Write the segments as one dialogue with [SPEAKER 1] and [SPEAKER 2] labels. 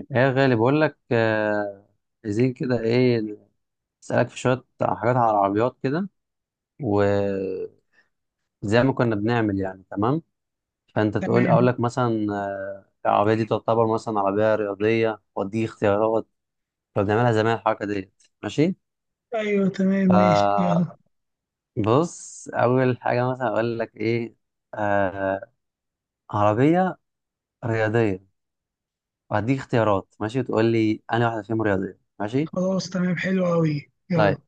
[SPEAKER 1] ايه يا غالي، بقول لك عايزين كده ايه. اسالك في شويه حاجات على العربيات كده، وزي ما كنا بنعمل يعني، تمام؟ فانت تقول، اقول لك مثلا العربيه دي تعتبر مثلا عربيه رياضيه، ودي اختيارات كنا بنعملها زمان. الحركه ديت، ماشي؟ فبص، اول حاجه مثلا اقول لك ايه. آه عربيه رياضيه، وهديك اختيارات، ماشي؟ وتقول لي انا واحده فيهم رياضيه. ماشي، طيب.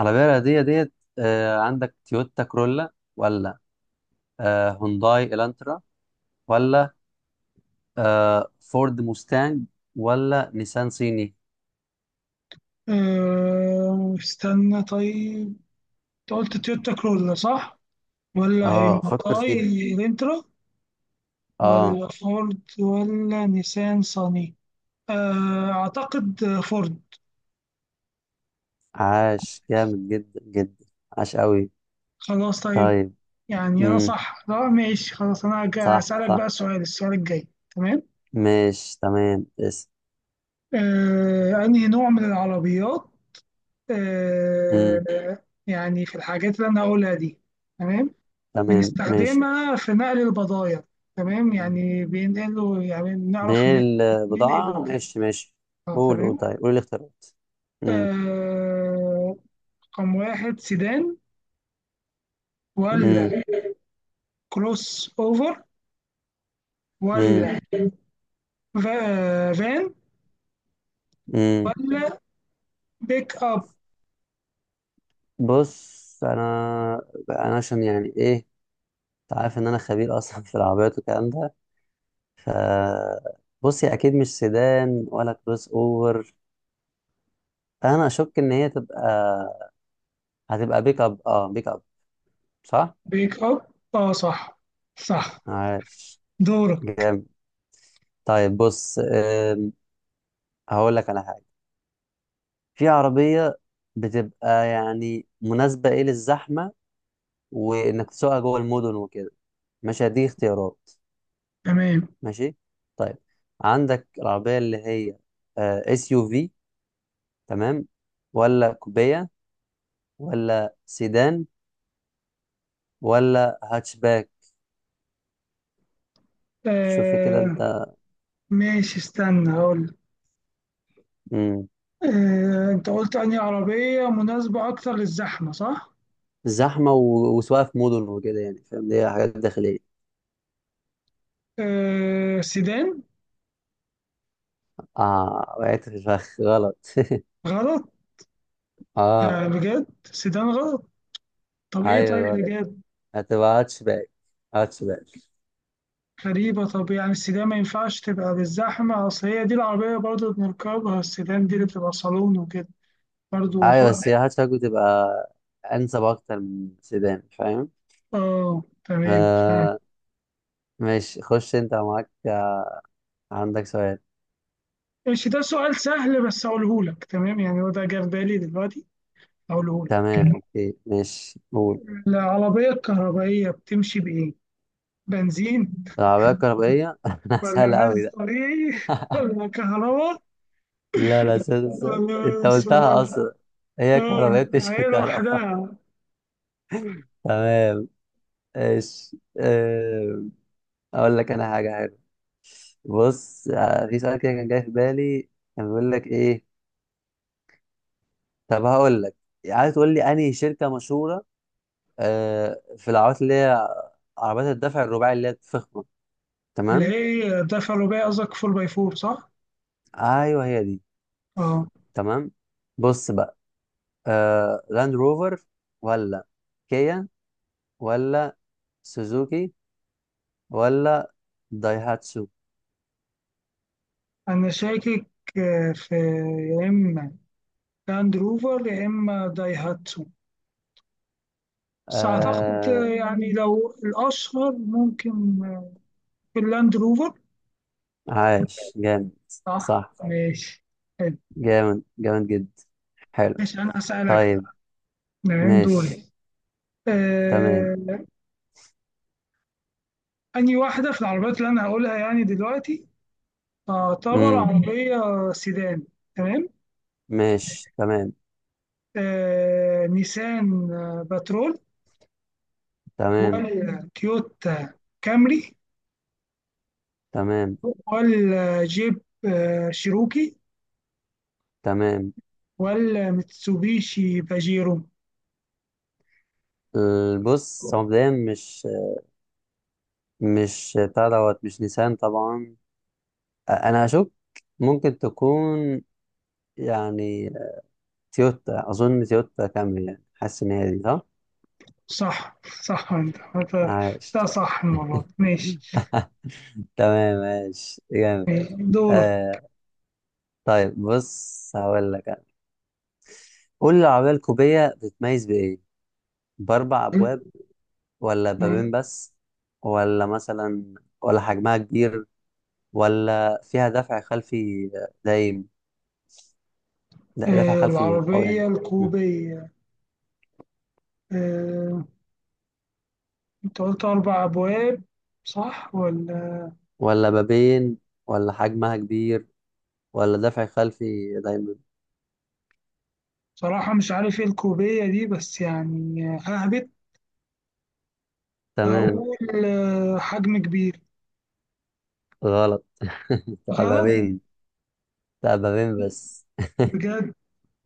[SPEAKER 1] العربية الرياضية ديت، عندك تويوتا كرولا، ولا هونداي الانترا، ولا فورد موستانج، ولا نيسان صيني؟
[SPEAKER 2] تويوتا كروسان
[SPEAKER 1] اه، فكر فيها.
[SPEAKER 2] والانترا،
[SPEAKER 1] اه،
[SPEAKER 2] ولا فورد، ولا نيسان صاني. أعتقد فورد.
[SPEAKER 1] عاش، جامد جدا جدا. عاش قوي.
[SPEAKER 2] خلاص طيب.
[SPEAKER 1] طيب.
[SPEAKER 2] يعني أنا
[SPEAKER 1] امم
[SPEAKER 2] صح؟ لا ماشي خلاص، أنا
[SPEAKER 1] صح،
[SPEAKER 2] هسألك بقى
[SPEAKER 1] صح.
[SPEAKER 2] السؤال الجاي. تمام.
[SPEAKER 1] ماشي، تمام.
[SPEAKER 2] أنهي نوع من العربيات؟
[SPEAKER 1] امم
[SPEAKER 2] يعني في الحاجات اللي أنا هقولها دي. تمام.
[SPEAKER 1] تمام، ماشي.
[SPEAKER 2] بنستخدمها في نقل البضايع. تمام، يعني بينقلوا، يعني بنعرف إن ننقل
[SPEAKER 1] بالبضاعة،
[SPEAKER 2] وكده.
[SPEAKER 1] ماشي، ماشي. قول، قول،
[SPEAKER 2] تمام.
[SPEAKER 1] طيب، قول الاختيارات. امم
[SPEAKER 2] آه، رقم واحد سيدان، ولا
[SPEAKER 1] امم
[SPEAKER 2] كروس اوفر، ولا فان،
[SPEAKER 1] امم
[SPEAKER 2] ولا بيك اب
[SPEAKER 1] بص، انا عشان يعني ايه، انت عارف ان انا خبير اصلا في العربيات والكلام ده. ف بص، هي اكيد مش سيدان ولا كروس اوفر. انا اشك ان هي هتبقى بيك اب. اه بيك اب، صح.
[SPEAKER 2] بيك اب. اه صح، صح.
[SPEAKER 1] عاش،
[SPEAKER 2] دورك.
[SPEAKER 1] جامد. طيب بص، هقول لك على حاجه. في عربيه بتبقى يعني مناسبه ايه للزحمه، وانك تسوقها جوه المدن وكده. مش هديك اختيارات؟
[SPEAKER 2] تمام.
[SPEAKER 1] ماشي، طيب. عندك العربية اللي هي اس يو في، تمام؟ ولا كوبية، ولا سيدان، ولا هاتشباك؟ شوف كده
[SPEAKER 2] آه
[SPEAKER 1] انت.
[SPEAKER 2] ماشي، استنى هقول.
[SPEAKER 1] مم.
[SPEAKER 2] آه، انت قلت انهي عربية مناسبة اكتر للزحمة، صح؟
[SPEAKER 1] زحمة وسواقة في مدن وكده، يعني فاهم؟ دي حاجات داخلية.
[SPEAKER 2] آه سيدان.
[SPEAKER 1] اه، وقعت في الفخ. غلط.
[SPEAKER 2] غلط؟
[SPEAKER 1] اه.
[SPEAKER 2] بجد سيدان غلط؟ طب ايه
[SPEAKER 1] ايوه،
[SPEAKER 2] طيب
[SPEAKER 1] غلط.
[SPEAKER 2] بجد؟
[SPEAKER 1] هتبقى هاتشباك. هاتشباك.
[SPEAKER 2] غريبة. طب يعني السيدان ما ينفعش تبقى بالزحمة؟ اصل هي دي العربية برضه بنركبها، السيدان دي اللي بتبقى صالون وكده. برضو
[SPEAKER 1] ايوه،
[SPEAKER 2] خلاص.
[SPEAKER 1] بس هي هاتشباك بتبقى انسب اكتر من سيدان، فاهم؟
[SPEAKER 2] اه تمام، فاهم.
[SPEAKER 1] آه. ماشي، خش، انت معاك، عندك سؤال.
[SPEAKER 2] ماشي، ده سؤال سهل بس اقوله لك. تمام، يعني هو ده جه في بالي دلوقتي، اقوله لك.
[SPEAKER 1] تمام، اوكي، ماشي، قول.
[SPEAKER 2] العربية الكهربائية بتمشي بإيه؟ بنزين،
[SPEAKER 1] العربية الكهربائية، انا
[SPEAKER 2] ولا
[SPEAKER 1] سهلة أوي
[SPEAKER 2] غاز
[SPEAKER 1] ده.
[SPEAKER 2] طبيعي، ولا كهرباء،
[SPEAKER 1] لا، لا، سهل، سهل، انت
[SPEAKER 2] ولا
[SPEAKER 1] قلتها
[SPEAKER 2] سولار؟
[SPEAKER 1] اصلا. هي كهربائية،
[SPEAKER 2] اه هي
[SPEAKER 1] بتشرب كهرباء.
[SPEAKER 2] لوحدها.
[SPEAKER 1] تمام. ايش، اقول لك انا حاجة حلوة. بص، في سؤال كده كان جاي في بالي، كان بيقول لك ايه. طب هقول لك، عايز تقول لي انهي شركة مشهورة في العربيات، اللي هي عربيات الدفع الرباعي اللي هي الفخمة،
[SPEAKER 2] اللي
[SPEAKER 1] تمام؟
[SPEAKER 2] هي الدفع الرباعي، قصدك 4 باي 4 صح؟
[SPEAKER 1] ايوه، هي دي.
[SPEAKER 2] اه
[SPEAKER 1] تمام. بص بقى، لاند روفر، ولا كيا، ولا سوزوكي، ولا دايهاتسو؟
[SPEAKER 2] انا شاكك، في. يا اما لاند روفر، يا اما دايهاتسو. بس أعتقد
[SPEAKER 1] آه
[SPEAKER 2] يعني، لو الأشهر ممكن اللاند روفر.
[SPEAKER 1] عاش، جامد،
[SPEAKER 2] صح.
[SPEAKER 1] صح.
[SPEAKER 2] ماشي. حلو.
[SPEAKER 1] جامد، جامد جدا. حلو.
[SPEAKER 2] ماشي، أنا هسألك
[SPEAKER 1] طيب،
[SPEAKER 2] بقى. نعم
[SPEAKER 1] ماشي،
[SPEAKER 2] دوري.
[SPEAKER 1] تمام.
[SPEAKER 2] آه، أنهي واحدة في العربيات اللي أنا هقولها يعني دلوقتي تعتبر
[SPEAKER 1] امم
[SPEAKER 2] عربية سيدان؟ تمام.
[SPEAKER 1] ماشي، تمام،
[SPEAKER 2] نيسان باترول،
[SPEAKER 1] تمام،
[SPEAKER 2] ولا تويوتا كامري،
[SPEAKER 1] تمام،
[SPEAKER 2] ولا جيب شيروكي،
[SPEAKER 1] تمام.
[SPEAKER 2] ولا ميتسوبيشي باجيرو؟
[SPEAKER 1] بص، هو مبدئيا مش بتاع دوت، مش نيسان طبعا. انا هشك. ممكن تكون يعني تويوتا، اظن تويوتا كامري، يعني حاسس ان هي دي، صح.
[SPEAKER 2] صح. صح. انت، ده
[SPEAKER 1] عاش.
[SPEAKER 2] صح المرة دي. ماشي.
[SPEAKER 1] تمام، ماشي، جامد.
[SPEAKER 2] ماشي. دورك.
[SPEAKER 1] آه. طيب بص، هقول لك انا، قول لي العربية الكوبية بتتميز بإيه؟ بأربع أبواب، ولا بابين بس؟ ولا مثلا، ولا حجمها كبير، ولا فيها دفع خلفي دايم؟ لا، دفع خلفي، أو يعني.
[SPEAKER 2] العربية
[SPEAKER 1] م.
[SPEAKER 2] الكوبية. آه، انت قلت أربع أبواب، صح ولا؟
[SPEAKER 1] ولا بابين، ولا حجمها كبير، ولا دفع خلفي دايما؟
[SPEAKER 2] بصراحة مش عارف ايه الكوبية دي، بس يعني ههبط.
[SPEAKER 1] تمام.
[SPEAKER 2] أقول حجم كبير.
[SPEAKER 1] غلط.
[SPEAKER 2] غلط؟
[SPEAKER 1] بابين. لا، بابين بس.
[SPEAKER 2] بجد؟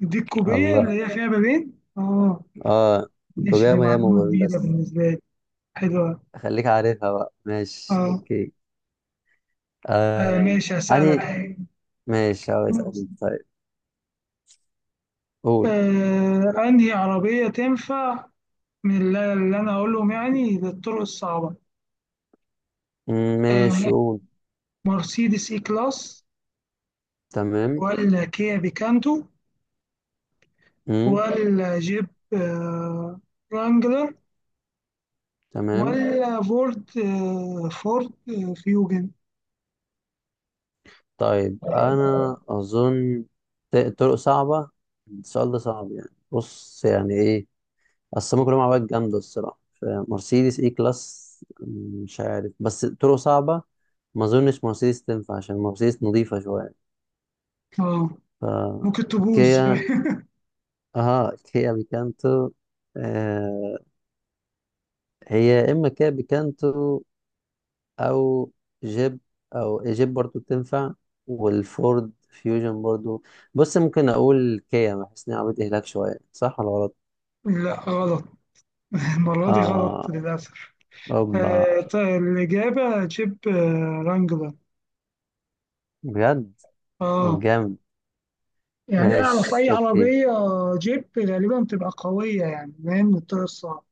[SPEAKER 2] دي الكوبية اللي
[SPEAKER 1] الله،
[SPEAKER 2] هي فيها بابين، اه.
[SPEAKER 1] اه.
[SPEAKER 2] ماشي،
[SPEAKER 1] كوبية،
[SPEAKER 2] دي
[SPEAKER 1] ما هي مو
[SPEAKER 2] معلومة
[SPEAKER 1] بابين
[SPEAKER 2] جديدة
[SPEAKER 1] بس.
[SPEAKER 2] بالنسبة لي. حلوة.
[SPEAKER 1] خليك عارفها بقى، ماشي،
[SPEAKER 2] اه.
[SPEAKER 1] اوكي. آه...
[SPEAKER 2] ماشي هسألك.
[SPEAKER 1] أني ماشي. هو اسألني، طيب. قول.
[SPEAKER 2] أنهي عربية تنفع من اللي أنا أقولهم يعني للطرق الصعبة؟
[SPEAKER 1] مم، ماشي،
[SPEAKER 2] آه،
[SPEAKER 1] قول.
[SPEAKER 2] مرسيدس إي كلاس،
[SPEAKER 1] تمام.
[SPEAKER 2] ولا كيا بيكانتو،
[SPEAKER 1] مم.
[SPEAKER 2] ولا جيب آه، ورانجلر،
[SPEAKER 1] تمام.
[SPEAKER 2] ولا فورد فيوجن؟
[SPEAKER 1] طيب، أنا أظن، طرق صعبة، السؤال ده صعب يعني. بص يعني إيه، أصل هما كلهم عربيات جامدة الصراحة. مرسيدس إي كلاس، مش عارف. بس طرق صعبة، ما أظنش مرسيدس تنفع، عشان مرسيدس نظيفة شوية.
[SPEAKER 2] آه،
[SPEAKER 1] ف
[SPEAKER 2] ممكن تبوظ
[SPEAKER 1] كيا. اه كيا بيكانتو. آه، هي يا إما كابي كانترو، أو جيب. أو جيب برضو بتنفع. والفورد فيوجن برضو. بص، ممكن أقول كيا، بحس إن هي عربية إهلاك شوية، صح ولا غلط؟
[SPEAKER 2] لا غلط. المرة دي غلط
[SPEAKER 1] آه،
[SPEAKER 2] للأسف.
[SPEAKER 1] أوبا.
[SPEAKER 2] طيب الإجابة جيب رانجلر.
[SPEAKER 1] بجد؟ طب،
[SPEAKER 2] آه.
[SPEAKER 1] جامد.
[SPEAKER 2] يعني أعرف
[SPEAKER 1] ماشي،
[SPEAKER 2] أي
[SPEAKER 1] أوكي.
[SPEAKER 2] عربية جيب غالبا بتبقى قوية، يعني فاهم من الطريق الصعب.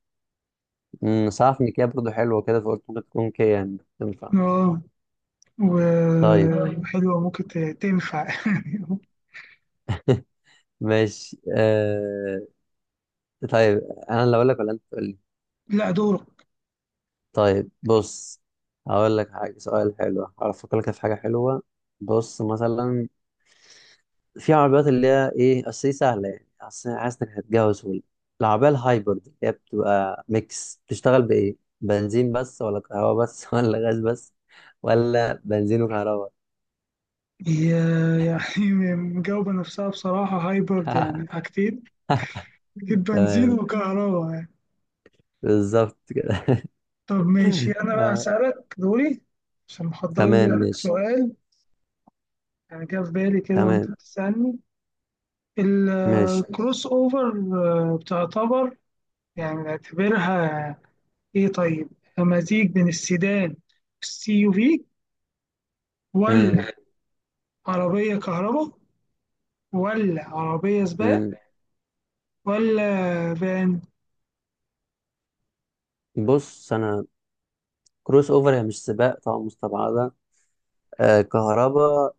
[SPEAKER 1] بس عارف إن كيا برضو حلوة كده، فقلت ممكن تكون كيا يعني تنفع.
[SPEAKER 2] اه،
[SPEAKER 1] طيب،
[SPEAKER 2] وحلوة ممكن تنفع.
[SPEAKER 1] ماشي. طيب، أنا اللي أقول لك ولا أنت تقول لي؟
[SPEAKER 2] لا دورك.
[SPEAKER 1] طيب بص، هقول لك حاجة. سؤال حلو، هفكر لك في حاجة حلوة. بص مثلا، في عربيات اللي هي ايه، اصل دي سهله يعني، اصل أنا حاسس انك هتجوز سهولة. العربيه الهايبرد اللي هي بتبقى ميكس، بتشتغل بايه؟ بنزين بس، ولا كهرباء بس، ولا غاز بس، ولا بنزين وكهرباء؟
[SPEAKER 2] هي يعني مجاوبة نفسها بصراحة، هايبرد يعني حاجتين، أكيد بنزين
[SPEAKER 1] تمام،
[SPEAKER 2] وكهرباء يعني.
[SPEAKER 1] بالظبط كده.
[SPEAKER 2] طب ماشي، أنا بقى
[SPEAKER 1] آه،
[SPEAKER 2] أسألك دوري، عشان محضر
[SPEAKER 1] تمام،
[SPEAKER 2] لي
[SPEAKER 1] ماشي.
[SPEAKER 2] سؤال. يعني جه في بالي كده وأنت
[SPEAKER 1] تمام،
[SPEAKER 2] بتسألني.
[SPEAKER 1] ماشي.
[SPEAKER 2] الكروس أوفر بتعتبر، يعني نعتبرها إيه طيب؟ مزيج بين السيدان والسي يو في، ولا
[SPEAKER 1] امم
[SPEAKER 2] عربية كهرباء، ولا عربية سباق،
[SPEAKER 1] امم
[SPEAKER 2] ولا فان؟
[SPEAKER 1] بص انا، كروس اوفر هي مش سباق طبعا، مستبعده. آه، كهرباء،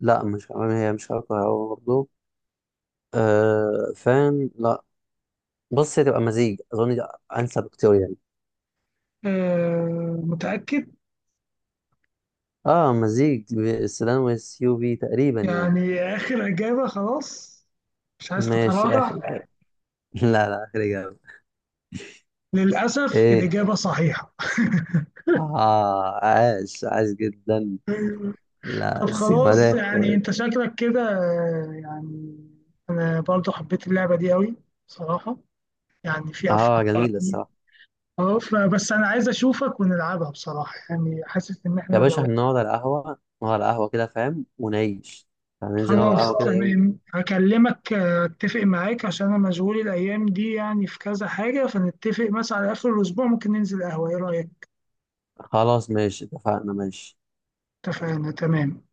[SPEAKER 1] لا، مش كهرباء، هي مش كهرباء برضه. آه، فان، لا. بص، هي تبقى مزيج، اظن ده انسب اختيار يعني.
[SPEAKER 2] آه متأكد؟
[SPEAKER 1] اه، مزيج السيدان والسيو في تقريبا يعني.
[SPEAKER 2] يعني آخر إجابة خلاص، مش عايز
[SPEAKER 1] ماشي، اخر
[SPEAKER 2] تتراجع؟
[SPEAKER 1] اجابه. لا، لا، اخر اجابه.
[SPEAKER 2] للأسف
[SPEAKER 1] ايه؟
[SPEAKER 2] الإجابة صحيحة.
[SPEAKER 1] اه، عاش، عاش جدا.
[SPEAKER 2] طب
[SPEAKER 1] لا بس،
[SPEAKER 2] خلاص،
[SPEAKER 1] جمدان،
[SPEAKER 2] يعني
[SPEAKER 1] جمدان.
[SPEAKER 2] أنت شكلك كده يعني. أنا برضو حبيت اللعبة دي أوي بصراحة، يعني في
[SPEAKER 1] اه،
[SPEAKER 2] أفكار.
[SPEAKER 1] جميل الصراحه.
[SPEAKER 2] اه، فبس انا عايز اشوفك ونلعبها بصراحة، يعني حاسس ان احنا
[SPEAKER 1] يا باشا،
[SPEAKER 2] لو.
[SPEAKER 1] هنقعد على القهوه. نقعد على القهوه كده، فاهم، ونعيش. هننزل نقعد على
[SPEAKER 2] خلاص
[SPEAKER 1] القهوه كده يوم.
[SPEAKER 2] تمام، هكلمك اتفق معاك، عشان انا مشغول الايام دي يعني، في كذا حاجة، فنتفق مثلا على اخر الاسبوع ممكن ننزل قهوة. ايه رأيك؟
[SPEAKER 1] خلاص، ماشي، اتفقنا، ماشي.
[SPEAKER 2] اتفقنا. تمام.